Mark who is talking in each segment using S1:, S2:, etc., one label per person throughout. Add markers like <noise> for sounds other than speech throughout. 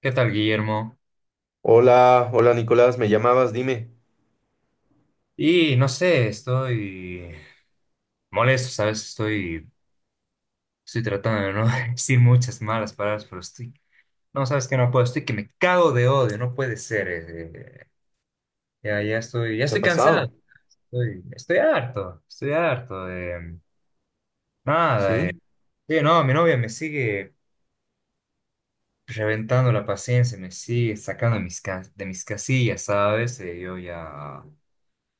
S1: ¿Qué tal, Guillermo?
S2: Hola, hola Nicolás, me llamabas, dime,
S1: Y no sé, estoy molesto, ¿sabes? Estoy tratando de no <laughs> decir muchas malas palabras, pero estoy, no, ¿sabes que no puedo? Estoy que me cago de odio, no puede ser. Ya, ya
S2: ¿qué ha
S1: estoy cansado,
S2: pasado?
S1: estoy harto de nada.
S2: ¿Sí?
S1: Sí, no, mi novia me sigue reventando la paciencia, me sigue sacando de de mis casillas, ¿sabes? Yo ya,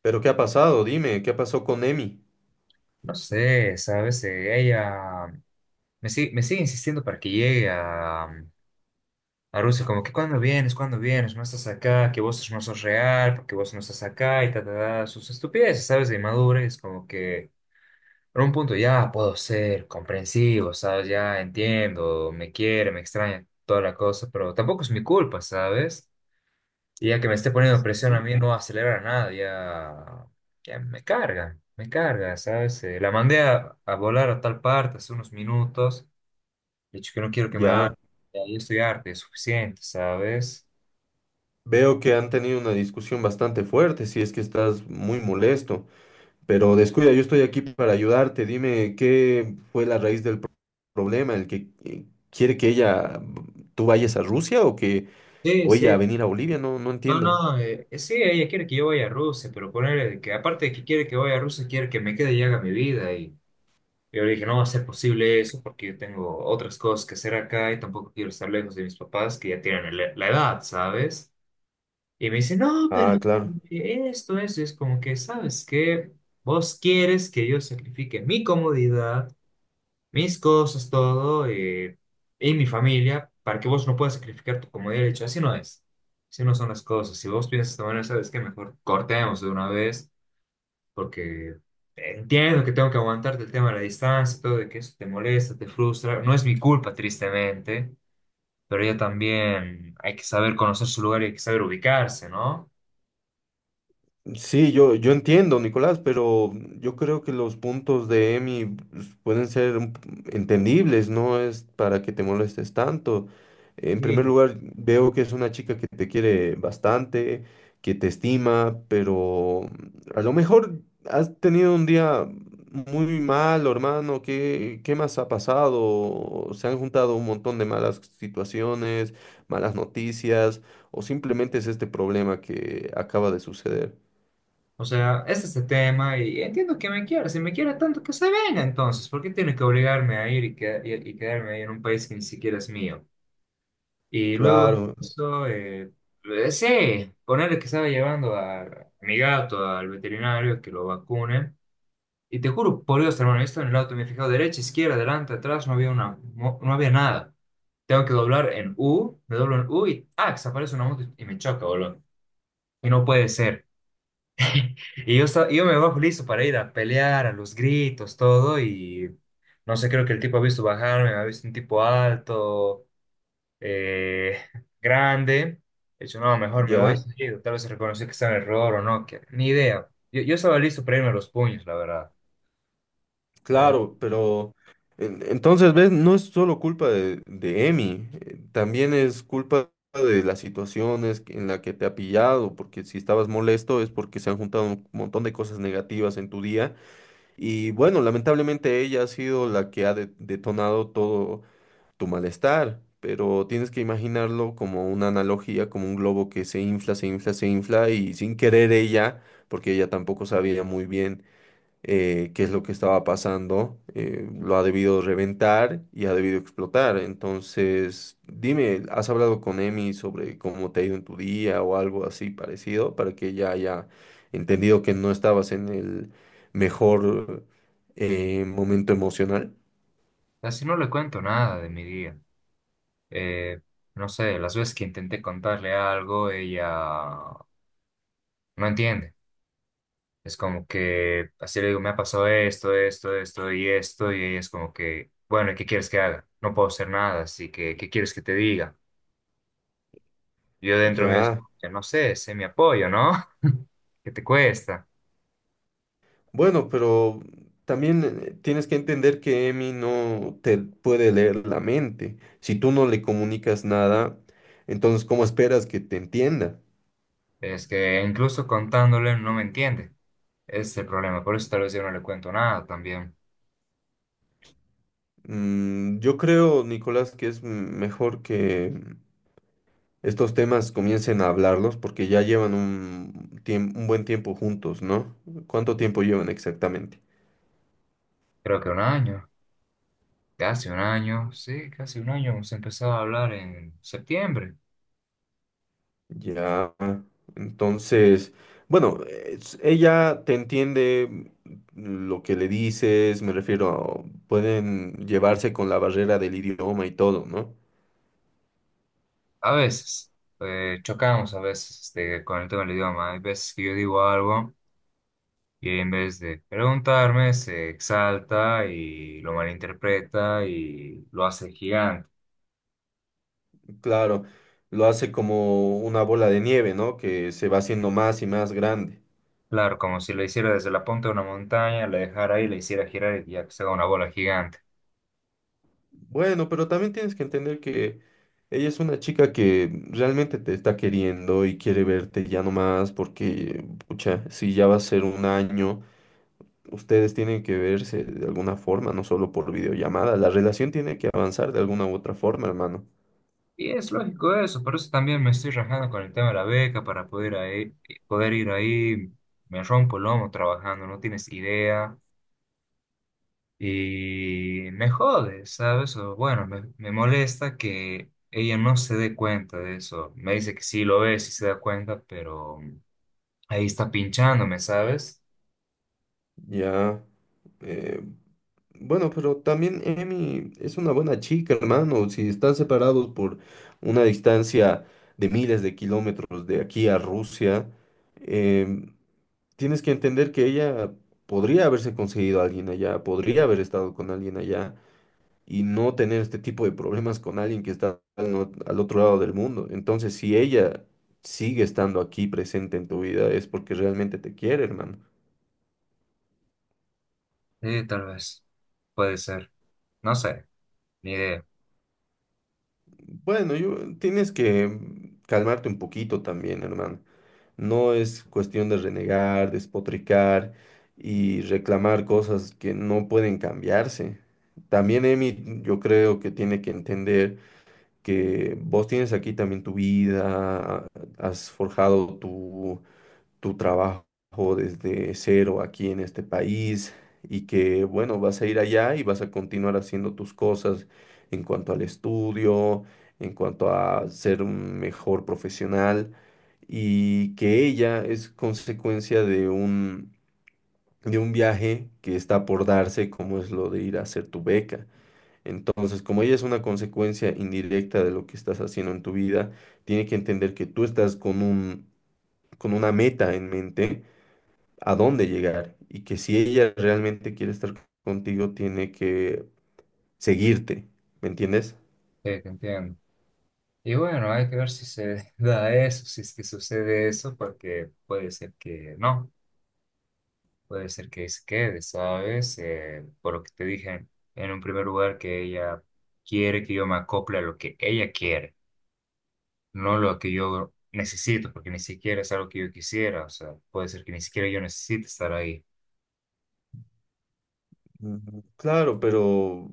S2: ¿Pero qué ha pasado? Dime, ¿qué pasó con Emi?
S1: no sé, ¿sabes? Ella... me sigue insistiendo para que llegue a, a Rusia, como que cuando vienes, no estás acá, que vos no sos real, porque vos no estás acá y ta, ta, ta, sus estupideces, ¿sabes? De inmadurez, como que en un punto ya puedo ser comprensivo, ¿sabes? Ya entiendo, me quiere, me extraña, toda la cosa, pero tampoco es mi culpa, ¿sabes? Y ya que me esté poniendo presión a
S2: Sí.
S1: mí no acelera nada, ya, me carga, ¿sabes? La mandé a volar a tal parte hace unos minutos. De hecho, que no quiero que me haga
S2: Ya,
S1: ahí estudiarte, es suficiente, ¿sabes?
S2: veo que han tenido una discusión bastante fuerte, si es que estás muy molesto, pero descuida, yo estoy aquí para ayudarte, dime qué fue la raíz del problema, el que quiere que ella, tú vayas a Rusia o que,
S1: Sí,
S2: o ella a
S1: sí.
S2: venir a Bolivia, no, no
S1: No,
S2: entiendo.
S1: no, sí, ella quiere que yo vaya a Rusia, pero ponerle que aparte de que quiere que vaya a Rusia, quiere que me quede y haga mi vida. Y yo le dije, no va a ser posible eso porque yo tengo otras cosas que hacer acá y tampoco quiero estar lejos de mis papás que ya tienen la edad, ¿sabes? Y me dice, no,
S2: Ah,
S1: pero
S2: claro.
S1: esto, eso, y es como que, ¿sabes qué? Vos quieres que yo sacrifique mi comodidad, mis cosas, todo, y mi familia, para que vos no puedas sacrificar tu comodidad. He dicho, así no es, así no son las cosas. Si vos piensas de esta manera, sabes que mejor cortemos de una vez, porque entiendo que tengo que aguantarte el tema de la distancia, todo, de que eso te molesta, te frustra. No es mi culpa, tristemente, pero ya también hay que saber conocer su lugar y hay que saber ubicarse, ¿no?
S2: Sí, yo entiendo, Nicolás, pero yo creo que los puntos de Emi pues, pueden ser un entendibles, no es para que te molestes tanto. En primer
S1: Sí.
S2: lugar, veo que es una chica que te quiere bastante, que te estima, pero a lo mejor has tenido un día muy malo, hermano. ¿Qué, qué más ha pasado? Se han juntado un montón de malas situaciones, malas noticias, o simplemente es este problema que acaba de suceder.
S1: O sea, este es el tema y entiendo que me quiera. Si me quiere tanto, que se venga entonces. ¿Por qué tiene que obligarme a ir y, y quedarme ahí en un país que ni siquiera es mío? Y luego,
S2: Claro,
S1: eso, sí, ponerle que estaba llevando a mi gato al veterinario que lo vacune. Y te juro, por Dios, hermano, yo estaba en el auto, me he fijado derecha, izquierda, adelante, atrás, no había una, no, no había nada. Tengo que doblar en U, me doblo en U y ¡ah! Desaparece una moto y me choca, boludo. Y no puede ser. Y yo, yo me bajo listo para ir a pelear, a los gritos, todo, y no sé, creo que el tipo ha visto bajarme, me ha visto un tipo alto, eh, <laughs> grande. He dicho, no, mejor me voy,
S2: ya,
S1: seguido. Tal vez reconoció que está en error o no, que, ni idea. Yo estaba listo para irme a los puños, la verdad, pero
S2: claro, pero entonces, ¿ves? No es solo culpa de Emi, también es culpa de las situaciones en la que te ha pillado, porque si estabas molesto es porque se han juntado un montón de cosas negativas en tu día y bueno, lamentablemente ella ha sido la que ha detonado todo tu malestar, pero tienes que imaginarlo como una analogía, como un globo que se infla, se infla, se infla y sin querer ella, porque ella tampoco sabía muy bien qué es lo que estaba pasando, lo ha debido reventar y ha debido explotar. Entonces, dime, ¿has hablado con Emi sobre cómo te ha ido en tu día o algo así parecido para que ella haya entendido que no estabas en el mejor momento emocional?
S1: así no le cuento nada de mi día. Eh, no sé, las veces que intenté contarle algo, ella no entiende. Es como que, así le digo, me ha pasado esto, esto, esto y esto, y ella es como que, bueno, ¿qué quieres que haga? No puedo hacer nada, así que, ¿qué quieres que te diga? Yo dentro mío es
S2: Ya,
S1: como que, no sé, sé mi apoyo, ¿no? <laughs> ¿Qué te cuesta?
S2: bueno, pero también tienes que entender que Emi no te puede leer la mente. Si tú no le comunicas nada, entonces, ¿cómo esperas que te entienda?
S1: Es que incluso contándole no me entiende. Ese es el problema, por eso tal vez yo no le cuento nada también.
S2: Yo creo, Nicolás, que es mejor que estos temas comiencen a hablarlos porque ya llevan un, un buen tiempo juntos, ¿no? ¿Cuánto tiempo llevan exactamente?
S1: Creo que un año, casi un año, sí, casi un año, hemos empezado a hablar en septiembre.
S2: Ya, entonces, bueno, ella te entiende lo que le dices, me refiero, pueden llevarse con la barrera del idioma y todo, ¿no?
S1: A veces, chocamos a veces este, con el tema del idioma. Hay veces que yo digo algo. Y en vez de preguntarme, se exalta y lo malinterpreta y lo hace gigante.
S2: Claro, lo hace como una bola de nieve, ¿no? Que se va haciendo más y más grande.
S1: Claro, como si lo hiciera desde la punta de una montaña, le dejara ahí, le hiciera girar y ya que se haga una bola gigante.
S2: Bueno, pero también tienes que entender que ella es una chica que realmente te está queriendo y quiere verte ya nomás porque, pucha, si ya va a ser un año, ustedes tienen que verse de alguna forma, no solo por videollamada. La relación tiene que avanzar de alguna u otra forma, hermano.
S1: Y es lógico eso, por eso también me estoy rajando con el tema de la beca para poder, ahí, poder ir ahí. Me rompo el lomo trabajando, no tienes idea. Y me jode, ¿sabes? O bueno, me molesta que ella no se dé cuenta de eso. Me dice que sí lo ve, sí se da cuenta, pero ahí está pinchándome, ¿sabes?
S2: Ya. eh, bueno, pero también Emi es una buena chica, hermano. Si están separados por una distancia de miles de kilómetros de aquí a Rusia. em, tienes que entender que ella podría haberse conseguido a alguien allá, podría haber estado con alguien allá y no tener este tipo de problemas con alguien que está al, al otro lado del mundo. Entonces, si ella sigue estando aquí presente en tu vida, es porque realmente te quiere, hermano.
S1: Sí, tal vez. Puede ser. No sé, ni idea.
S2: Bueno, yo, tienes que calmarte un poquito también, hermano. No es cuestión de renegar, despotricar y reclamar cosas que no pueden cambiarse. También Emi, yo creo que tiene que entender que vos tienes aquí también tu vida, has forjado tu, tu trabajo desde cero aquí en este país y que, bueno, vas a ir allá y vas a continuar haciendo tus cosas en cuanto al estudio, en cuanto a ser un mejor profesional y que ella es consecuencia de un viaje que está por darse, como es lo de ir a hacer tu beca. Entonces, como ella es una consecuencia indirecta de lo que estás haciendo en tu vida, tiene que entender que tú estás con un, con una meta en mente a dónde llegar y que si ella realmente quiere estar contigo, tiene que seguirte, ¿me entiendes?
S1: Sí, te entiendo. Y bueno, hay que ver si se <laughs> da eso, si es que sucede eso, porque puede ser que no. Puede ser que se quede, ¿sabes? Por lo que te dije en un primer lugar, que ella quiere que yo me acople a lo que ella quiere, no lo que yo necesito, porque ni siquiera es algo que yo quisiera, o sea, puede ser que ni siquiera yo necesite estar ahí.
S2: Claro, pero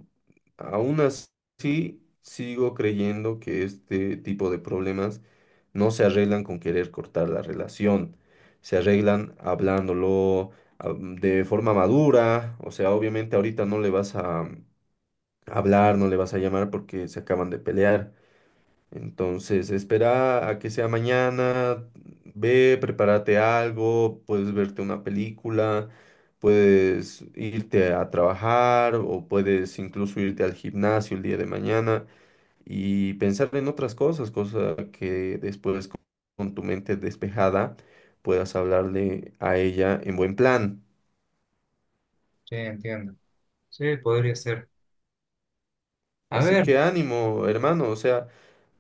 S2: aún así sigo creyendo que este tipo de problemas no se arreglan con querer cortar la relación, se arreglan hablándolo de forma madura, o sea, obviamente ahorita no le vas a hablar, no le vas a llamar porque se acaban de pelear. Entonces, espera a que sea mañana, ve, prepárate algo, puedes verte una película, puedes irte a trabajar o puedes incluso irte al gimnasio el día de mañana y pensar en otras cosas, cosa que después con tu mente despejada puedas hablarle a ella en buen plan.
S1: Sí, entiendo. Sí, podría ser. A
S2: Así
S1: ver,
S2: que
S1: sí,
S2: ánimo, hermano, o sea...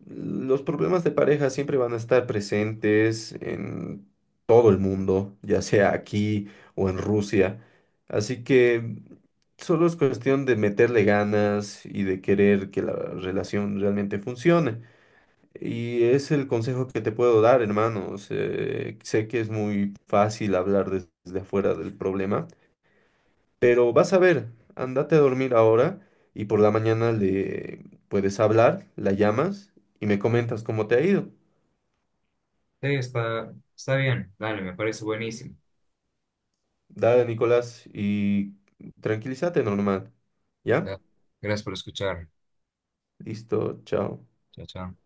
S2: Los problemas de pareja siempre van a estar presentes en todo el mundo, ya sea aquí o en Rusia. Así que solo es cuestión de meterle ganas y de querer que la relación realmente funcione. Y es el consejo que te puedo dar, hermanos. Sé que es muy fácil hablar desde afuera del problema, pero vas a ver, andate a dormir ahora y por la mañana le puedes hablar, la llamas y me comentas cómo te ha ido.
S1: está, está bien, dale, me parece buenísimo.
S2: Dale, Nicolás, y tranquilízate normal. ¿Ya?
S1: Ya, gracias por escuchar.
S2: Listo, chao.
S1: Chao, chao.